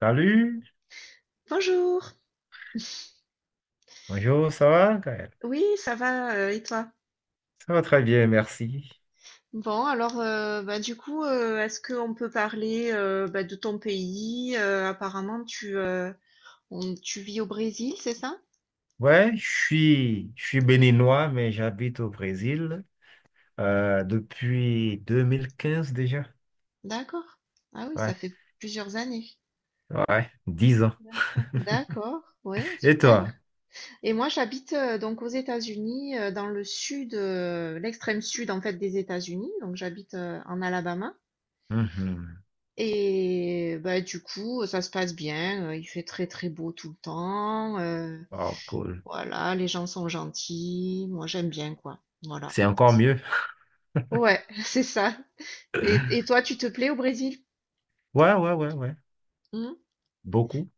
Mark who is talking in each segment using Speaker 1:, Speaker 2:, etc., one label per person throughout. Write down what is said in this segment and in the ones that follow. Speaker 1: Salut,
Speaker 2: Bonjour.
Speaker 1: bonjour, ça va, Gaël?
Speaker 2: Oui, ça va, et toi?
Speaker 1: Ça va très bien, merci.
Speaker 2: Du coup, est-ce qu'on peut parler de ton pays? Apparemment, tu vis au Brésil, c'est ça?
Speaker 1: Ouais, je suis béninois, mais j'habite au Brésil depuis 2015 déjà.
Speaker 2: D'accord. Ah oui, ça
Speaker 1: Ouais,
Speaker 2: fait plusieurs années.
Speaker 1: ouais, 10 ans.
Speaker 2: D'accord. D'accord, ouais,
Speaker 1: Et
Speaker 2: super.
Speaker 1: toi?
Speaker 2: Et moi, j'habite donc aux États-Unis, dans le sud, l'extrême sud en fait des États-Unis. Donc, j'habite en Alabama.
Speaker 1: Mhm.
Speaker 2: Et bah, du coup, ça se passe bien. Il fait très très beau tout le temps.
Speaker 1: Oh, cool.
Speaker 2: Voilà, les gens sont gentils. Moi, j'aime bien, quoi. Voilà.
Speaker 1: C'est encore
Speaker 2: C'est-
Speaker 1: mieux.
Speaker 2: Ouais, c'est ça. Et toi, tu te plais au Brésil?
Speaker 1: Ouais, ouais, ouais, ouais,
Speaker 2: Hmm.
Speaker 1: beaucoup.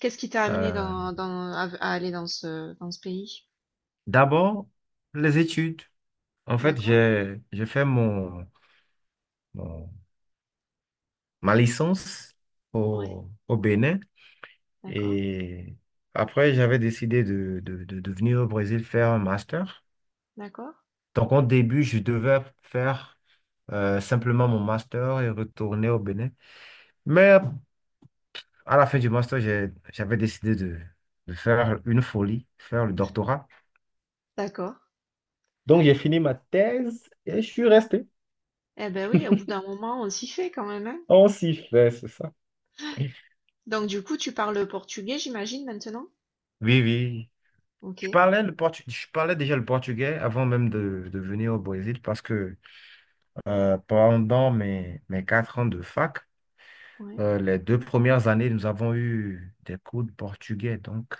Speaker 2: Qu'est-ce qui t'a amené
Speaker 1: Euh,
Speaker 2: dans, dans, à, à aller dans ce pays?
Speaker 1: D'abord, les études. En fait,
Speaker 2: D'accord?
Speaker 1: j'ai fait mon- ma licence
Speaker 2: Ouais,
Speaker 1: au Bénin.
Speaker 2: d'accord,
Speaker 1: Et après, j'avais décidé de venir au Brésil faire un master.
Speaker 2: d'accord,
Speaker 1: Donc, au début, je devais faire simplement mon master et retourner au Bénin. Mais à la fin du master, j'avais décidé de faire une folie, faire le doctorat.
Speaker 2: d'accord.
Speaker 1: Donc, j'ai fini ma thèse et je suis resté.
Speaker 2: Eh ben oui, au bout d'un moment, on s'y fait quand même, hein.
Speaker 1: On s'y fait, c'est ça.
Speaker 2: Donc, du coup, tu parles portugais, j'imagine, maintenant?
Speaker 1: Oui, oui.
Speaker 2: Ok,
Speaker 1: Je parlais déjà le portugais avant même de venir au Brésil parce que pendant mes 4 ans de fac.
Speaker 2: ouais.
Speaker 1: Les deux premières années, nous avons eu des cours de portugais, donc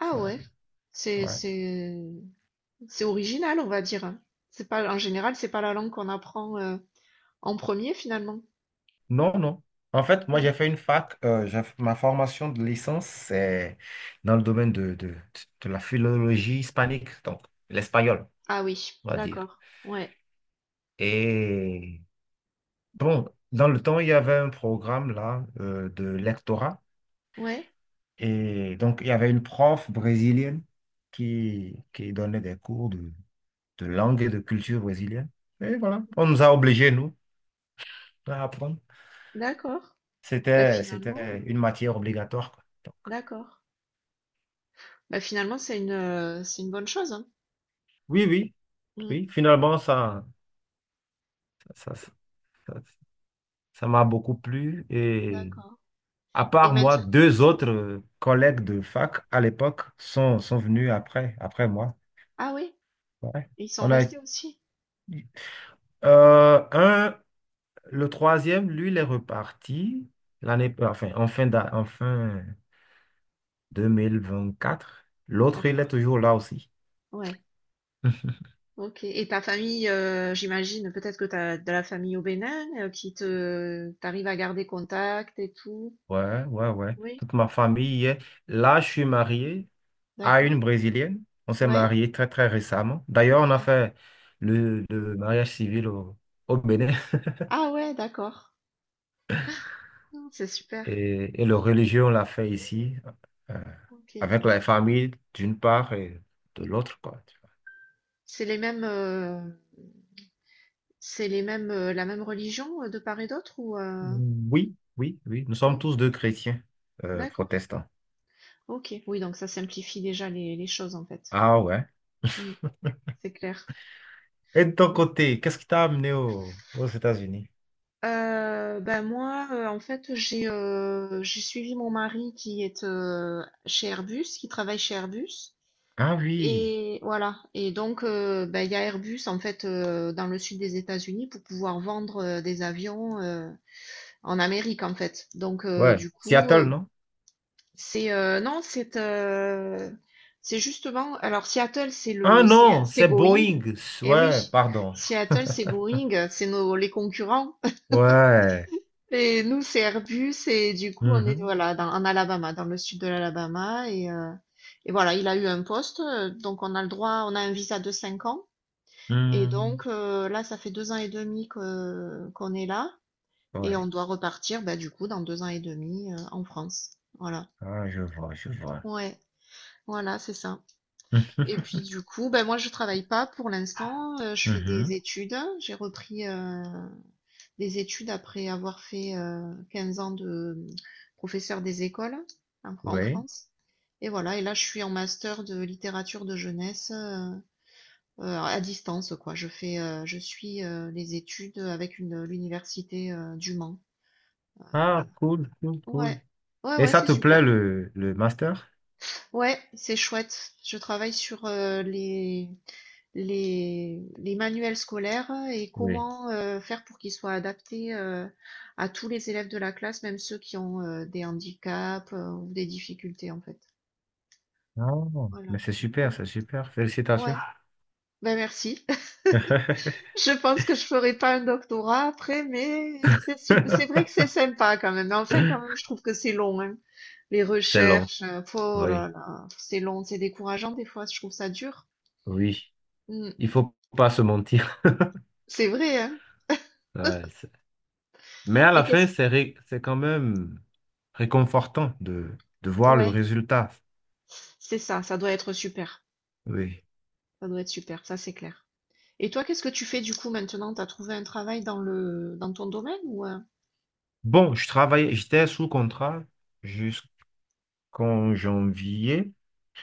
Speaker 2: Ah
Speaker 1: ça,
Speaker 2: ouais, c'est,
Speaker 1: ouais.
Speaker 2: c'est, c'est original, on va dire, hein. C'est pas, en général, c'est pas la langue qu'on apprend en premier, finalement.
Speaker 1: Non, non. En fait, moi, j'ai fait une fac. Ma formation de licence, c'est dans le domaine de la philologie hispanique, donc l'espagnol,
Speaker 2: Ah oui,
Speaker 1: on va dire.
Speaker 2: d'accord. Ouais,
Speaker 1: Et bon, dans le temps, il y avait un programme là de lectorat.
Speaker 2: ouais,
Speaker 1: Et donc, il y avait une prof brésilienne qui donnait des cours de langue et de culture brésilienne. Et voilà, on nous a obligés, nous, à apprendre.
Speaker 2: d'accord. Bah finalement,
Speaker 1: C'était
Speaker 2: euh,
Speaker 1: une matière obligatoire, quoi. Donc,
Speaker 2: d'accord. Bah finalement, c'est c'est une bonne chose, hein.
Speaker 1: oui, oui,
Speaker 2: Mm.
Speaker 1: oui. Finalement, ça, ça, ça- ça m'a beaucoup plu. Et
Speaker 2: D'accord.
Speaker 1: à
Speaker 2: Et
Speaker 1: part
Speaker 2: même,
Speaker 1: moi,
Speaker 2: si-
Speaker 1: deux autres collègues de fac à l'époque sont venus après, après moi.
Speaker 2: Ah oui,
Speaker 1: Ouais.
Speaker 2: ils sont
Speaker 1: On a,
Speaker 2: restés aussi.
Speaker 1: euh, un, le troisième, lui, il est reparti l'année, enfin, en fin d'a- en fin 2024. L'autre, il
Speaker 2: D'accord.
Speaker 1: est toujours là aussi.
Speaker 2: Ouais. Ok. Et ta famille, j'imagine, peut-être que tu as de la famille au Bénin, qui t'arrive à garder contact et tout.
Speaker 1: Ouais, ouais, ouais.
Speaker 2: Oui.
Speaker 1: Toute ma famille y est. Là, je suis marié à
Speaker 2: D'accord.
Speaker 1: une Brésilienne. On s'est
Speaker 2: Ouais.
Speaker 1: marié très, très récemment. D'ailleurs, on a
Speaker 2: D'accord.
Speaker 1: fait le mariage civil au Bénin
Speaker 2: Ah ouais, d'accord. Non, c'est super.
Speaker 1: et le religieux, on l'a fait ici, euh,
Speaker 2: Ok.
Speaker 1: avec la famille d'une part et de l'autre, quoi. Tu vois.
Speaker 2: C'est les mêmes. euh, C'est les mêmes, la même religion, de part et d'autre ou,
Speaker 1: Oui, oui, oui. Nous sommes
Speaker 2: Oui?
Speaker 1: tous deux chrétiens
Speaker 2: D'accord.
Speaker 1: protestants.
Speaker 2: OK. Oui, donc ça simplifie déjà les choses, en fait.
Speaker 1: Ah ouais.
Speaker 2: Mmh. C'est clair.
Speaker 1: Et de ton
Speaker 2: Ouais.
Speaker 1: côté, qu'est-ce qui t'a amené aux États-Unis?
Speaker 2: Bah, moi, en fait, j'ai suivi mon mari qui travaille chez Airbus
Speaker 1: Ah oui.
Speaker 2: et voilà. Et donc, bah, il y a Airbus, en fait, dans le sud des États-Unis pour pouvoir vendre, des avions, en Amérique, en fait. Donc,
Speaker 1: Ouais.
Speaker 2: du coup,
Speaker 1: Seattle, non?
Speaker 2: C'est non, c'est justement. Alors Seattle, c'est
Speaker 1: Ah
Speaker 2: le
Speaker 1: non,
Speaker 2: c'est
Speaker 1: c'est
Speaker 2: Boeing.
Speaker 1: Boeing.
Speaker 2: Eh
Speaker 1: Ouais,
Speaker 2: oui,
Speaker 1: pardon.
Speaker 2: Seattle, c'est Boeing, c'est nos les concurrents.
Speaker 1: Ouais.
Speaker 2: Et nous, c'est Airbus. Et du coup, on est
Speaker 1: Mhm.
Speaker 2: voilà en Alabama, dans le sud de l'Alabama. Et voilà, il a eu un poste, donc on a le droit, on a un visa de 5 ans. Et donc
Speaker 1: Mhm.
Speaker 2: là, ça fait 2 ans et demi que qu'on est là, et
Speaker 1: Ouais.
Speaker 2: on doit repartir, bah du coup, dans 2 ans et demi en France. Voilà.
Speaker 1: Ah, je vois, je vois.
Speaker 2: Ouais, voilà, c'est ça.
Speaker 1: Mhm.
Speaker 2: Et puis du coup, ben moi je travaille pas pour l'instant, je fais des
Speaker 1: Mhm.
Speaker 2: études. J'ai repris des études après avoir fait 15 ans de professeur des écoles en
Speaker 1: Oui.
Speaker 2: France. Et voilà, et là je suis en master de littérature de jeunesse à distance quoi. Je suis les études avec une l'université du Mans.
Speaker 1: Ah,
Speaker 2: Voilà.
Speaker 1: cool, cool,
Speaker 2: Ouais,
Speaker 1: cool.
Speaker 2: ouais,
Speaker 1: Et
Speaker 2: ouais,
Speaker 1: ça
Speaker 2: c'est
Speaker 1: te
Speaker 2: super.
Speaker 1: plaît le master?
Speaker 2: Ouais, c'est chouette. Je travaille sur les manuels scolaires et
Speaker 1: Oui.
Speaker 2: comment faire pour qu'ils soient adaptés à tous les élèves de la classe, même ceux qui ont des handicaps ou des difficultés en fait.
Speaker 1: Oh,
Speaker 2: Voilà.
Speaker 1: mais c'est super,
Speaker 2: Ouais.
Speaker 1: c'est super. Félicitations.
Speaker 2: Ouais. Ben merci. Je pense que je ferai pas un doctorat après, mais c'est vrai que c'est sympa quand même. Mais enfin, quand même, je trouve que c'est long, hein. Les
Speaker 1: C'est long,
Speaker 2: recherches, oh là
Speaker 1: oui,
Speaker 2: là, c'est long, c'est décourageant des fois. Je trouve ça dur.
Speaker 1: oui.
Speaker 2: Mm.
Speaker 1: Il faut pas se mentir.
Speaker 2: C'est vrai, hein.
Speaker 1: Ouais, c'est- mais à
Speaker 2: Et
Speaker 1: la
Speaker 2: qu'est-ce
Speaker 1: fin, c'est quand même réconfortant de voir le
Speaker 2: Ouais,
Speaker 1: résultat.
Speaker 2: c'est ça, ça doit être super.
Speaker 1: Oui.
Speaker 2: Ça doit être super, ça c'est clair. Et toi, qu'est-ce que tu fais du coup maintenant? T'as trouvé un travail dans le dans ton domaine ou
Speaker 1: Bon, je travaillais, j'étais sous contrat jusqu'en janvier.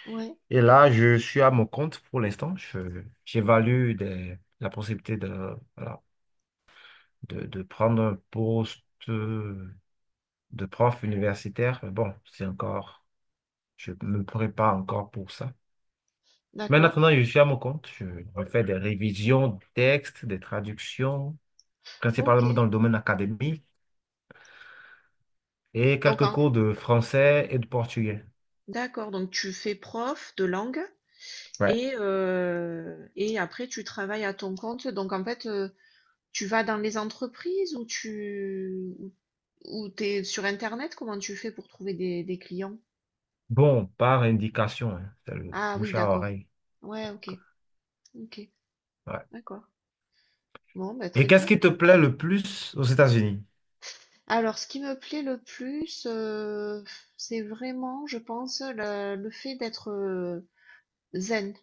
Speaker 2: ouais,
Speaker 1: Et là, je suis à mon compte pour l'instant. J'évalue la possibilité de, voilà, de prendre un poste de prof universitaire. Mais bon, c'est encore, je me prépare encore pour ça. Mais
Speaker 2: d'accord.
Speaker 1: maintenant, je suis à mon compte. Je refais des révisions de textes, des traductions, principalement
Speaker 2: OK.
Speaker 1: dans le domaine académique, et
Speaker 2: Donc
Speaker 1: quelques
Speaker 2: en-
Speaker 1: cours de français et de portugais.
Speaker 2: d'accord, donc tu fais prof de langue
Speaker 1: Ouais.
Speaker 2: et et après tu travailles à ton compte. Donc en fait, tu vas dans les entreprises ou ou t'es sur Internet, comment tu fais pour trouver des clients?
Speaker 1: Bon, par indication, hein, c'est le
Speaker 2: Ah oui,
Speaker 1: bouche à
Speaker 2: d'accord.
Speaker 1: oreille.
Speaker 2: Ouais, OK. OK.
Speaker 1: Ouais.
Speaker 2: D'accord. Bon, bah,
Speaker 1: Et
Speaker 2: très
Speaker 1: qu'est-ce
Speaker 2: bien.
Speaker 1: qui te plaît le plus aux États-Unis?
Speaker 2: Alors, ce qui me plaît le plus, c'est vraiment, je pense, le fait d'être zen.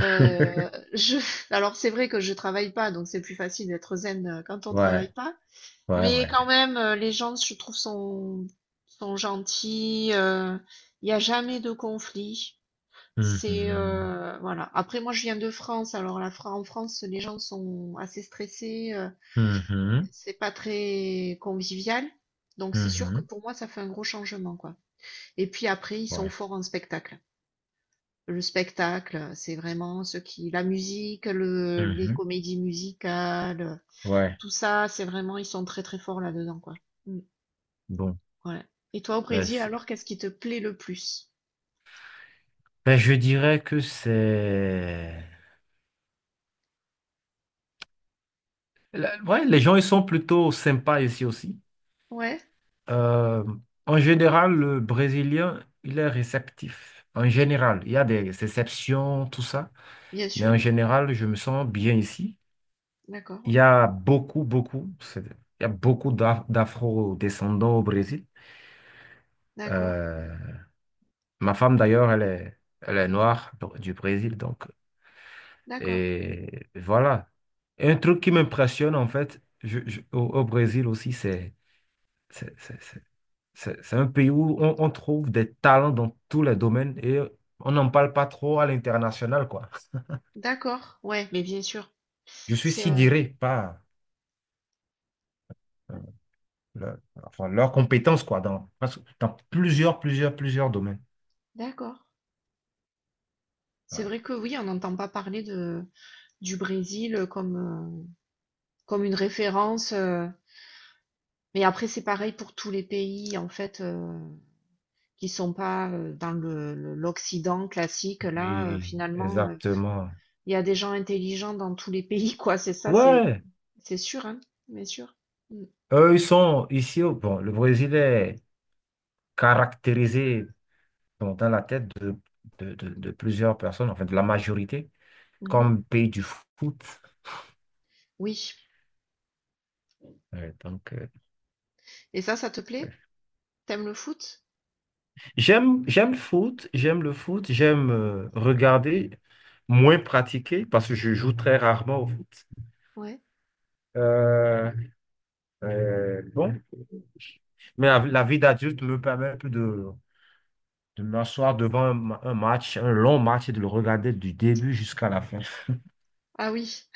Speaker 2: Euh, je, alors, c'est vrai que je travaille pas, donc c'est plus facile d'être zen quand on travaille
Speaker 1: Ouais,
Speaker 2: pas.
Speaker 1: ouais, ouais,
Speaker 2: Mais quand
Speaker 1: ouais.
Speaker 2: même, les gens, je trouve, sont gentils. Il n'y a jamais de conflit. C'est
Speaker 1: Mhm,
Speaker 2: voilà. Après, moi, je viens de France. Alors, en France, les gens sont assez stressés.
Speaker 1: mhm,
Speaker 2: C'est pas très convivial. Donc c'est sûr que
Speaker 1: mhm,
Speaker 2: pour moi, ça fait un gros changement, quoi. Et puis après, ils sont
Speaker 1: ouais,
Speaker 2: forts en spectacle. Le spectacle, c'est vraiment la musique, les
Speaker 1: mhm,
Speaker 2: comédies musicales,
Speaker 1: ouais.
Speaker 2: tout ça, c'est vraiment, ils sont très très forts là-dedans, quoi. Mm.
Speaker 1: Bon,
Speaker 2: Ouais. Et toi, au
Speaker 1: ben,
Speaker 2: Brésil,
Speaker 1: c'est-
Speaker 2: alors, qu'est-ce qui te plaît le plus?
Speaker 1: ben, je dirais que c'est... La- ouais, les gens, ils sont plutôt sympas ici aussi.
Speaker 2: Ouais,
Speaker 1: Euh, En général, le Brésilien, il est réceptif. En général, il y a des exceptions, tout ça.
Speaker 2: bien
Speaker 1: Mais
Speaker 2: sûr,
Speaker 1: en
Speaker 2: ouais.
Speaker 1: général, je me sens bien ici.
Speaker 2: D'accord,
Speaker 1: Il
Speaker 2: ouais.
Speaker 1: y a beaucoup, beaucoup, il y a beaucoup d'afro-descendants au Brésil.
Speaker 2: D'accord,
Speaker 1: Euh, Ma femme, d'ailleurs, elle est noire donc, du Brésil, donc.
Speaker 2: d'accord,
Speaker 1: Et voilà. Et un truc qui m'impressionne, en fait, au, au Brésil aussi, c'est, c'est- c'est- c'est un pays où on trouve des talents dans tous les domaines et on n'en parle pas trop à l'international, quoi.
Speaker 2: d'accord, ouais, mais bien sûr.
Speaker 1: Je suis
Speaker 2: C'est
Speaker 1: sidéré par euh, leur- enfin, leurs compétences, quoi, dans plusieurs domaines.
Speaker 2: d'accord. C'est
Speaker 1: Ouais.
Speaker 2: vrai que oui, on n'entend pas parler du Brésil comme, comme une référence. Mais après, c'est pareil pour tous les pays, en fait, qui sont pas dans l'Occident classique. Là,
Speaker 1: Oui,
Speaker 2: finalement,
Speaker 1: exactement.
Speaker 2: il y a des gens intelligents dans tous les pays, quoi.
Speaker 1: Ouais,
Speaker 2: C'est sûr, hein, bien sûr. Mm,
Speaker 1: eux, ils sont ici. Bon, le Brésil est caractérisé bon, dans la tête de plusieurs personnes, enfin de la majorité,
Speaker 2: mhm.
Speaker 1: comme pays du foot.
Speaker 2: Oui.
Speaker 1: Ouais, donc,
Speaker 2: Et ça te plaît? T'aimes le foot?
Speaker 1: j'aime, j'aime le foot, j'aime le foot, j'aime regarder, moins pratiquer, parce que je joue très rarement au foot.
Speaker 2: Ouais.
Speaker 1: Euh, bon, mais la vie d'adulte me permet un peu de m'asseoir devant un match, un long match, et de le regarder du début jusqu'à la fin.
Speaker 2: Ah oui,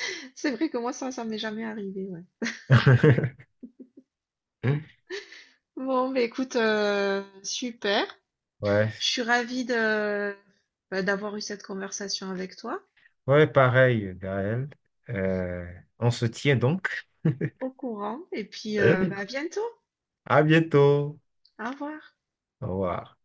Speaker 2: c'est vrai que moi, ça m'est jamais arrivé, ouais. Bon, bah écoute, super.
Speaker 1: Ouais,
Speaker 2: Je suis ravie bah, d'avoir eu cette conversation avec toi.
Speaker 1: ouais, pareil, Gaël. Euh, on se tient donc.
Speaker 2: Au courant et puis bah, à bientôt.
Speaker 1: À bientôt.
Speaker 2: Au revoir.
Speaker 1: Au revoir.